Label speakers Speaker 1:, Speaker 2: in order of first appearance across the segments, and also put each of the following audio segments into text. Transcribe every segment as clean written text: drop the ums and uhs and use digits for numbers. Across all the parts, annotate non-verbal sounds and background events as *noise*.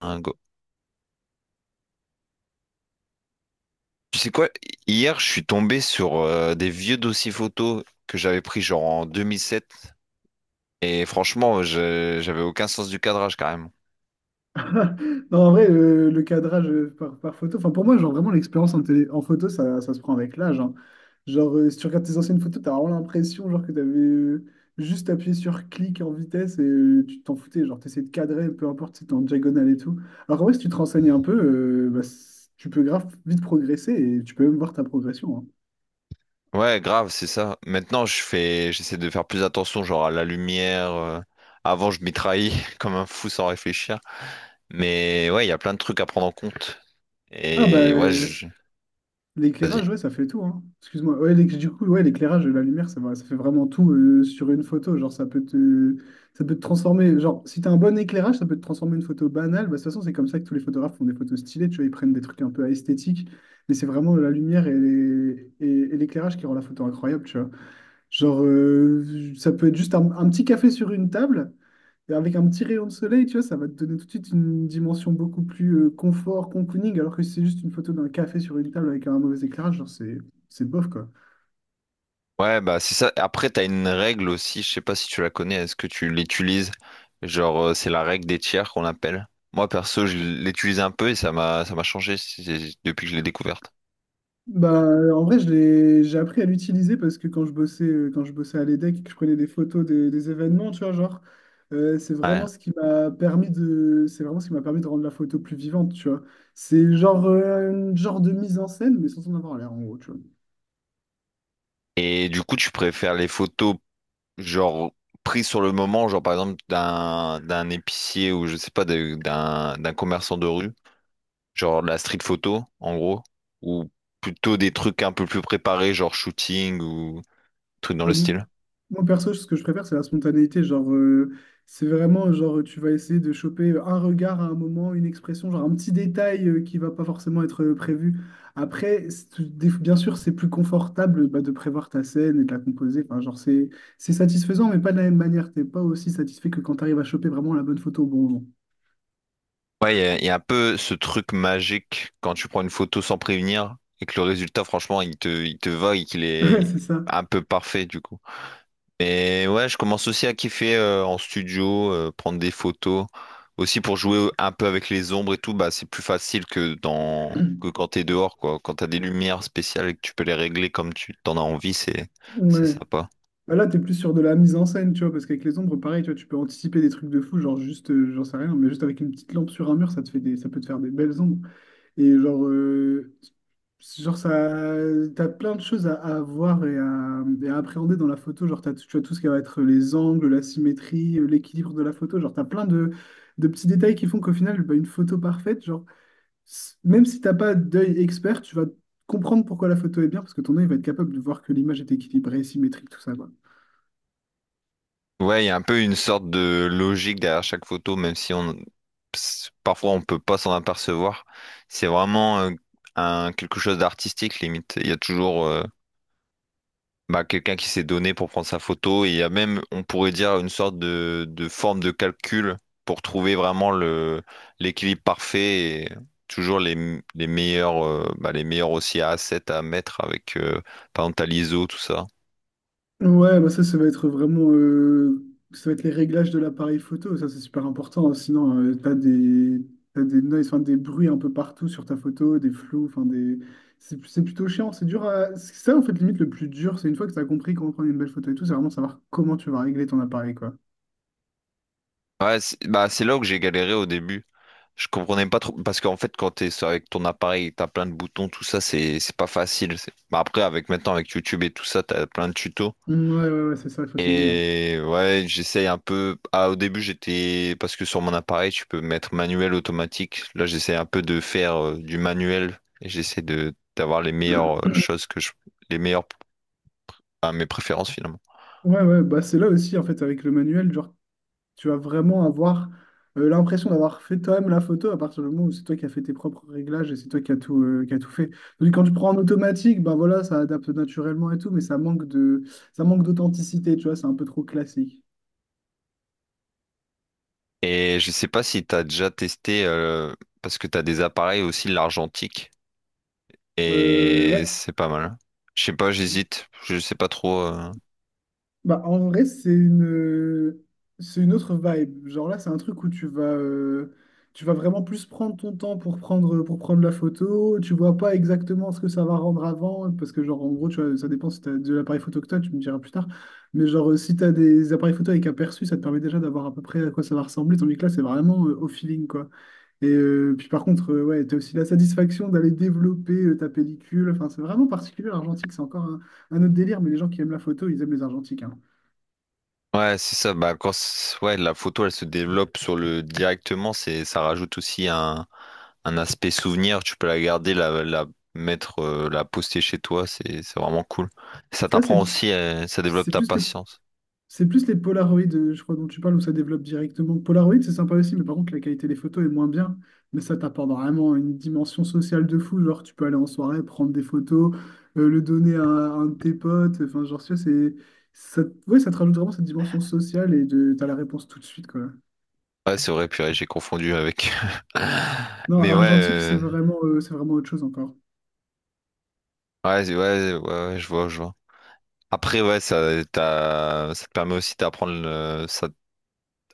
Speaker 1: Un go. Tu sais quoi? Hier, je suis tombé sur des vieux dossiers photos que j'avais pris genre en 2007. Et franchement, j'avais aucun sens du cadrage carrément.
Speaker 2: *laughs* Non, en vrai, le cadrage par photo, enfin pour moi, genre vraiment l'expérience en photo, ça se prend avec l'âge, hein. Genre, si tu regardes tes anciennes photos, t'as vraiment l'impression genre que t'avais juste appuyé sur clic en vitesse et tu t'en foutais. Genre, t'essayais de cadrer, peu importe si t'es en diagonale et tout. Alors en vrai, si tu te renseignes un peu, bah, tu peux grave vite progresser et tu peux même voir ta progression, hein.
Speaker 1: Ouais, grave, c'est ça. Maintenant, j'essaie de faire plus attention, genre à la lumière. Avant, je m'y trahis *laughs* comme un fou sans réfléchir. Mais ouais, il y a plein de trucs à prendre en compte.
Speaker 2: Ah
Speaker 1: Et ouais,
Speaker 2: bah.
Speaker 1: je... vas-y.
Speaker 2: L'éclairage, ouais, ça fait tout, hein. Excuse-moi. Ouais, du coup, ouais, l'éclairage et la lumière, ça fait vraiment tout sur une photo. Genre, ça peut te transformer. Genre, si t'as un bon éclairage, ça peut te transformer une photo banale. Bah, de toute façon, c'est comme ça que tous les photographes font des photos stylées. Tu vois, ils prennent des trucs un peu esthétiques. Mais c'est vraiment la lumière et l'éclairage qui rend la photo incroyable, tu vois. Genre, ça peut être juste un petit café sur une table. Avec un petit rayon de soleil, tu vois, ça va te donner tout de suite une dimension beaucoup plus confort, cocooning, alors que si c'est juste une photo d'un café sur une table avec un mauvais éclairage, c'est bof quoi.
Speaker 1: Ouais, bah c'est ça. Après, t'as une règle aussi, je sais pas si tu la connais, est-ce que tu l'utilises? Genre, c'est la règle des tiers qu'on appelle. Moi, perso, je l'utilise un peu et ça m'a changé depuis que je l'ai découverte.
Speaker 2: Bah en vrai, je l'ai j'ai appris à l'utiliser parce que quand je bossais à l'EDEC et que je prenais des photos des événements, tu vois, genre
Speaker 1: Ouais.
Speaker 2: c'est vraiment ce qui m'a permis de rendre la photo plus vivante, tu vois. C'est genre une genre de mise en scène mais sans en avoir l'air en gros, tu vois.
Speaker 1: Et du coup, tu préfères les photos, genre, prises sur le moment, genre par exemple d'un épicier ou je sais pas, d'un commerçant de rue, genre de la street photo, en gros, ou plutôt des trucs un peu plus préparés, genre shooting ou trucs dans
Speaker 2: Ah
Speaker 1: le
Speaker 2: bon,
Speaker 1: style?
Speaker 2: moi, perso, ce que je préfère, c'est la spontanéité. Genre, c'est vraiment, genre, tu vas essayer de choper un regard à un moment, une expression, genre un petit détail qui va pas forcément être prévu. Après, bien sûr, c'est plus confortable bah, de prévoir ta scène et de la composer. Enfin, genre, c'est satisfaisant, mais pas de la même manière. T'es pas aussi satisfait que quand tu arrives à choper vraiment la bonne photo au bon moment.
Speaker 1: Ouais, il y a un peu ce truc magique quand tu prends une photo sans prévenir et que le résultat, franchement, il te va et qu'il
Speaker 2: *laughs* Ouais,
Speaker 1: est
Speaker 2: c'est ça.
Speaker 1: un peu parfait du coup. Mais ouais, je commence aussi à kiffer en studio, prendre des photos. Aussi pour jouer un peu avec les ombres et tout, bah c'est plus facile que dans que
Speaker 2: *clears throat*
Speaker 1: quand t'es dehors, quoi. Quand t'as des lumières spéciales et que tu peux les régler comme tu t'en as envie, c'est
Speaker 2: Ouais.
Speaker 1: sympa.
Speaker 2: Bah là, t'es plus sur de la mise en scène, tu vois, parce qu'avec les ombres, pareil, tu vois, tu peux anticiper des trucs de fou, genre juste, j'en sais rien, mais juste avec une petite lampe sur un mur, ça peut te faire des belles ombres. Et genre, genre ça, t'as plein de choses à voir et à appréhender dans la photo. Genre, tu vois, tout ce qui va être les angles, la symétrie, l'équilibre de la photo. Genre, de petits détails qui font qu'au final, bah, une photo parfaite, genre, même si t'as pas d'œil expert, tu vas comprendre pourquoi la photo est bien, parce que ton œil va être capable de voir que l'image est équilibrée, symétrique, tout ça, quoi.
Speaker 1: Ouais, il y a un peu une sorte de logique derrière chaque photo, même si on parfois on peut pas s'en apercevoir. C'est vraiment un, quelque chose d'artistique limite. Il y a toujours bah, quelqu'un qui s'est donné pour prendre sa photo et il y a même, on pourrait dire, une sorte de forme de calcul pour trouver vraiment le, l'équilibre parfait et toujours les, les meilleurs, bah, les meilleurs aussi à 7 à mettre avec par exemple, t'as l'ISO, tout ça.
Speaker 2: Ouais, bah ça, ça va être les réglages de l'appareil photo, ça c'est super important, hein. Sinon, t'as des noise, enfin, des bruits un peu partout sur ta photo, des flous, enfin des, c'est plutôt chiant. C'est ça en fait limite le plus dur, c'est une fois que t'as compris comment prendre une belle photo et tout, c'est vraiment savoir comment tu vas régler ton appareil quoi.
Speaker 1: Ouais, c'est bah, c'est là que j'ai galéré au début. Je comprenais pas trop parce qu'en fait quand t'es avec ton appareil, et t'as plein de boutons, tout ça c'est pas facile. Bah, après avec YouTube et tout ça, t'as plein de tutos.
Speaker 2: Mmh, ouais, c'est ça, il faut s'aider, hein.
Speaker 1: Et ouais, j'essaye un peu. Ah, au début j'étais parce que sur mon appareil tu peux mettre manuel automatique. Là j'essaie un peu de faire du manuel et j'essaie de d'avoir les meilleures choses que je les meilleurs à mes préférences finalement.
Speaker 2: *clears throat* Ouais, bah c'est là aussi en fait avec le manuel, genre tu vas vraiment avoir l'impression d'avoir fait toi-même la photo à partir du moment où c'est toi qui as fait tes propres réglages et c'est toi qui as tout fait. Tandis que quand tu prends en automatique, ben voilà, ça adapte naturellement et tout, mais ça manque d'authenticité, tu vois, c'est un peu trop classique.
Speaker 1: Et je sais pas si tu as déjà testé, parce que tu as des appareils aussi l'argentique,
Speaker 2: Ouais.
Speaker 1: et c'est pas mal, hein. Je sais pas, j'hésite, je sais pas trop.
Speaker 2: Bah, en vrai, c'est une autre vibe. Genre là, c'est un truc où tu vas vraiment plus prendre ton temps pour pour prendre la photo. Tu vois pas exactement ce que ça va rendre avant. Parce que, genre, en gros, tu vois, ça dépend si tu as de l'appareil photo que tu me diras plus tard. Mais, genre, si tu as des appareils photo avec aperçu, ça te permet déjà d'avoir à peu près à quoi ça va ressembler. Tandis que là, c'est vraiment au feeling, quoi. Et puis, par contre, ouais, tu as aussi la satisfaction d'aller développer ta pellicule. Enfin, c'est vraiment particulier. L'argentique, c'est encore un autre délire. Mais les gens qui aiment la photo, ils aiment les argentiques, hein.
Speaker 1: Ouais, c'est ça. Bah, ouais, la photo, elle se développe sur le directement, c'est ça rajoute aussi un aspect souvenir. Tu peux la garder, la mettre, la poster chez toi. C'est vraiment cool. Ça
Speaker 2: Ça,
Speaker 1: t'apprend aussi, ça développe
Speaker 2: c'est
Speaker 1: ta
Speaker 2: plus
Speaker 1: patience.
Speaker 2: c'est plus les Polaroid, je crois, dont tu parles, où ça développe directement. Polaroid, c'est sympa aussi, mais par contre, la qualité des photos est moins bien. Mais ça t'apporte vraiment une dimension sociale de fou. Genre, tu peux aller en soirée, prendre des photos, le donner à un de tes potes. Enfin, genre, tu vois, ouais, ça te rajoute vraiment cette dimension sociale t'as la réponse tout de suite, quoi.
Speaker 1: Ouais, c'est vrai, purée, j'ai confondu avec. *laughs*
Speaker 2: Non,
Speaker 1: Mais ouais,
Speaker 2: argentique, c'est vraiment autre chose encore.
Speaker 1: ouais, ouais, je vois, je vois. Après, ouais, ça, ça te permet aussi d'apprendre, ça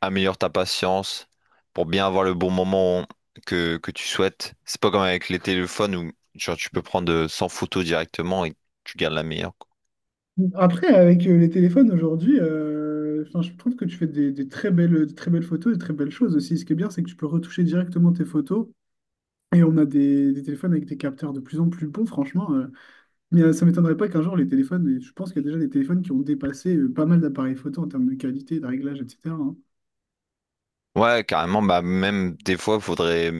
Speaker 1: améliore ta patience pour bien avoir le bon moment que tu souhaites. C'est pas comme avec les téléphones où genre, tu peux prendre 100 photos directement et tu gardes la meilleure, quoi.
Speaker 2: Après, avec les téléphones aujourd'hui, enfin, je trouve que tu fais des très belles photos, des très belles choses aussi. Ce qui est bien, c'est que tu peux retoucher directement tes photos. Et on a des téléphones avec des capteurs de plus en plus bons, franchement, euh. Mais ça m'étonnerait pas qu'un jour, les téléphones, et je pense qu'il y a déjà des téléphones qui ont dépassé pas mal d'appareils photo en termes de qualité, de réglage, etc., hein.
Speaker 1: Ouais, carrément, bah même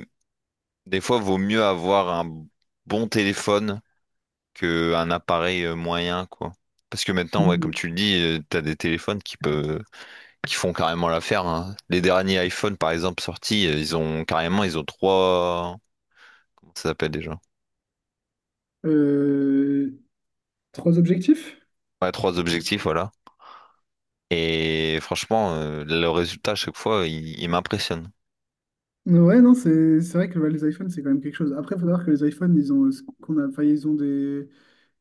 Speaker 1: des fois vaut mieux avoir un bon téléphone que un appareil moyen, quoi. Parce que maintenant, ouais, comme
Speaker 2: Mhm.
Speaker 1: tu le dis, t'as des téléphones qui font carrément l'affaire, hein. Les derniers iPhone, par exemple, sortis, ils ont carrément ils ont trois ça s'appelle déjà.
Speaker 2: Euh, trois objectifs?
Speaker 1: Ouais, trois objectifs, voilà. Et franchement, le résultat à chaque fois, il m'impressionne.
Speaker 2: Ouais, non, c'est vrai que bah, les iPhones, c'est quand même quelque chose. Après, il faut savoir que les iPhones, ils ont, ce qu'on a, enfin, ils ont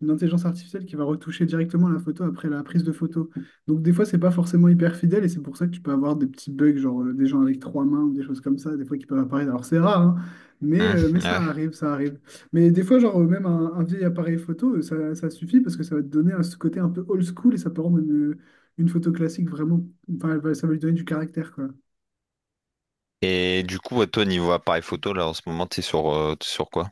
Speaker 2: une intelligence artificielle qui va retoucher directement la photo après la prise de photo. Donc des fois, c'est pas forcément hyper fidèle et c'est pour ça que tu peux avoir des petits bugs, genre des gens avec trois mains ou des choses comme ça, des fois qui peuvent apparaître. Alors c'est rare, hein,
Speaker 1: Hmm,
Speaker 2: mais ça
Speaker 1: ouais.
Speaker 2: arrive, ça arrive. Mais des fois, genre même un vieil appareil photo, ça suffit parce que ça va te donner ce côté un peu old school et ça peut rendre une photo classique vraiment, enfin, ça va lui donner du caractère, quoi.
Speaker 1: Et du coup, à toi, niveau appareil photo, là, en ce moment, t'es sur quoi?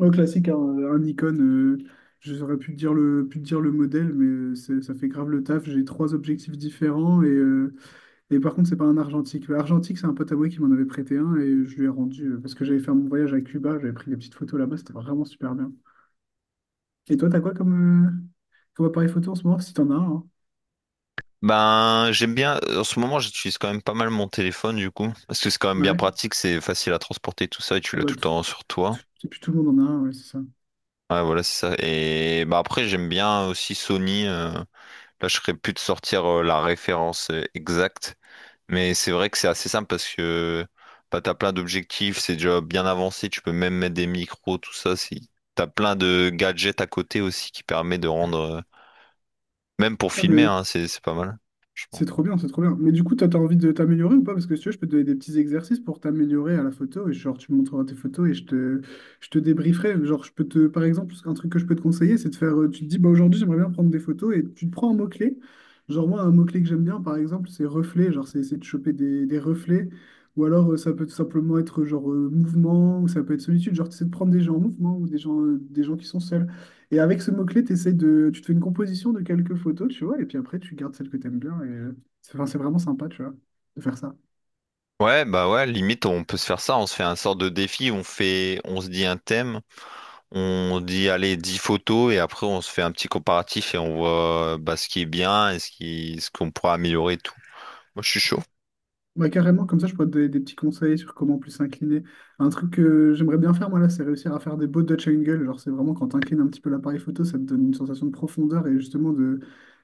Speaker 2: Au classique, hein, icône, euh. Je saurais plus te dire pu te dire le modèle, mais ça fait grave le taf. J'ai trois objectifs différents et, et par contre, c'est pas un argentique. Le Argentique, c'est un pote à moi qui m'en avait prêté un et je lui ai rendu parce que j'avais fait mon voyage à Cuba, j'avais pris des petites photos là-bas, c'était vraiment super bien. Et toi, t'as quoi comme, comme appareil photo en ce moment, si t'en as un, hein?
Speaker 1: Ben, j'aime bien, en ce moment, j'utilise quand même pas mal mon téléphone, du coup, parce que c'est quand même bien
Speaker 2: Ouais.
Speaker 1: pratique, c'est facile à transporter, tout ça, et tu
Speaker 2: Ah
Speaker 1: l'as
Speaker 2: bah,
Speaker 1: tout le temps sur toi.
Speaker 2: et puis tout le monde en a un, ouais, c'est ça.
Speaker 1: Ouais, voilà, c'est ça. Et bah après, j'aime bien aussi Sony. Là, je serais plus de sortir la référence exacte. Mais c'est vrai que c'est assez simple parce que bah, t'as plein d'objectifs, c'est déjà bien avancé, tu peux même mettre des micros, tout ça. Si... T'as plein de gadgets à côté aussi qui permet de rendre, même pour
Speaker 2: Ah,
Speaker 1: filmer,
Speaker 2: mais
Speaker 1: hein, c'est pas mal,
Speaker 2: c'est
Speaker 1: franchement.
Speaker 2: trop bien, c'est trop bien. Mais du coup, toi, t'as envie de t'améliorer ou pas? Parce que si tu veux, je peux te donner des petits exercices pour t'améliorer à la photo. Et genre, tu me montreras tes photos et je te débrieferai. Genre, je peux te, par exemple, un truc que je peux te conseiller, c'est de faire, euh. Tu te dis, bah aujourd'hui, j'aimerais bien prendre des photos et tu te prends un mot-clé. Genre, moi, un mot-clé que j'aime bien, par exemple, c'est reflet. Genre, c'est essayer de choper des reflets. Ou alors, ça peut tout simplement être genre mouvement, ou ça peut être solitude. Genre, tu essaies de prendre des gens en mouvement ou des gens qui sont seuls. Et avec ce mot-clé, t'essayes de... tu te fais une composition de quelques photos, tu vois, et puis après, tu gardes celles que t'aimes bien. Et... c'est enfin, c'est vraiment sympa, tu vois, de faire ça.
Speaker 1: Ouais, bah ouais, limite on peut se faire ça, on se fait un sort de défi, on se dit un thème, on dit allez 10 photos et après on se fait un petit comparatif et on voit bah, ce qui est bien et ce qu'on pourra améliorer et tout. Moi je suis chaud.
Speaker 2: Bah, carrément, comme ça, je pourrais te donner des petits conseils sur comment plus s'incliner. Un truc que j'aimerais bien faire, moi, là, c'est réussir à faire des beaux Dutch angles. Genre, c'est vraiment quand t'inclines un petit peu l'appareil photo, ça te donne une sensation de profondeur et justement de,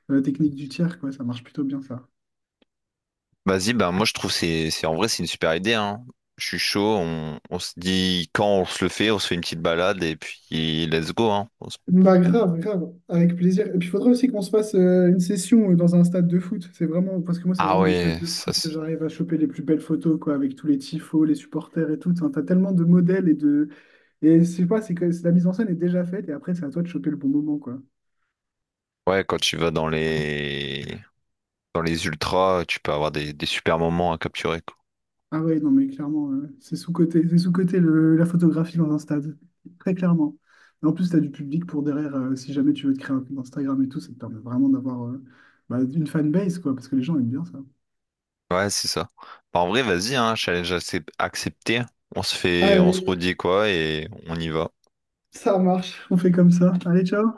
Speaker 2: de la technique du tiers, quoi. Ça marche plutôt bien, ça.
Speaker 1: Vas-y, ben moi je trouve c'est en vrai c'est une super idée, hein. Je suis chaud, on se dit quand on se le fait, on se fait une petite balade et puis let's go, hein.
Speaker 2: Bah grave, grave, avec plaisir. Et puis il faudrait aussi qu'on se fasse une session dans un stade de foot. C'est vraiment, parce que moi, c'est
Speaker 1: Ah
Speaker 2: vraiment dans les stades
Speaker 1: ouais,
Speaker 2: de foot que j'arrive à choper les plus belles photos, quoi, avec tous les tifos, les supporters et tout. Enfin, t'as tellement de modèles et de. Et je sais pas, c'est que la mise en scène est déjà faite et après, c'est à toi de choper le bon moment, quoi.
Speaker 1: ouais quand tu vas dans les ultras, tu peux avoir des super moments à capturer, quoi.
Speaker 2: Ah ouais, non, mais clairement, c'est sous-coté. C'est sous-coté la photographie dans un stade. Très clairement. Et en plus, t'as du public pour derrière, si jamais tu veux te créer un compte Instagram et tout, ça te permet vraiment d'avoir bah, une fanbase, quoi, parce que les gens aiment bien
Speaker 1: Ouais, c'est ça. Bah, en vrai, vas-y, hein, accepté. On se
Speaker 2: ça.
Speaker 1: fait, on se redit quoi et on y va.
Speaker 2: Ça marche, on fait comme ça. Allez, ciao!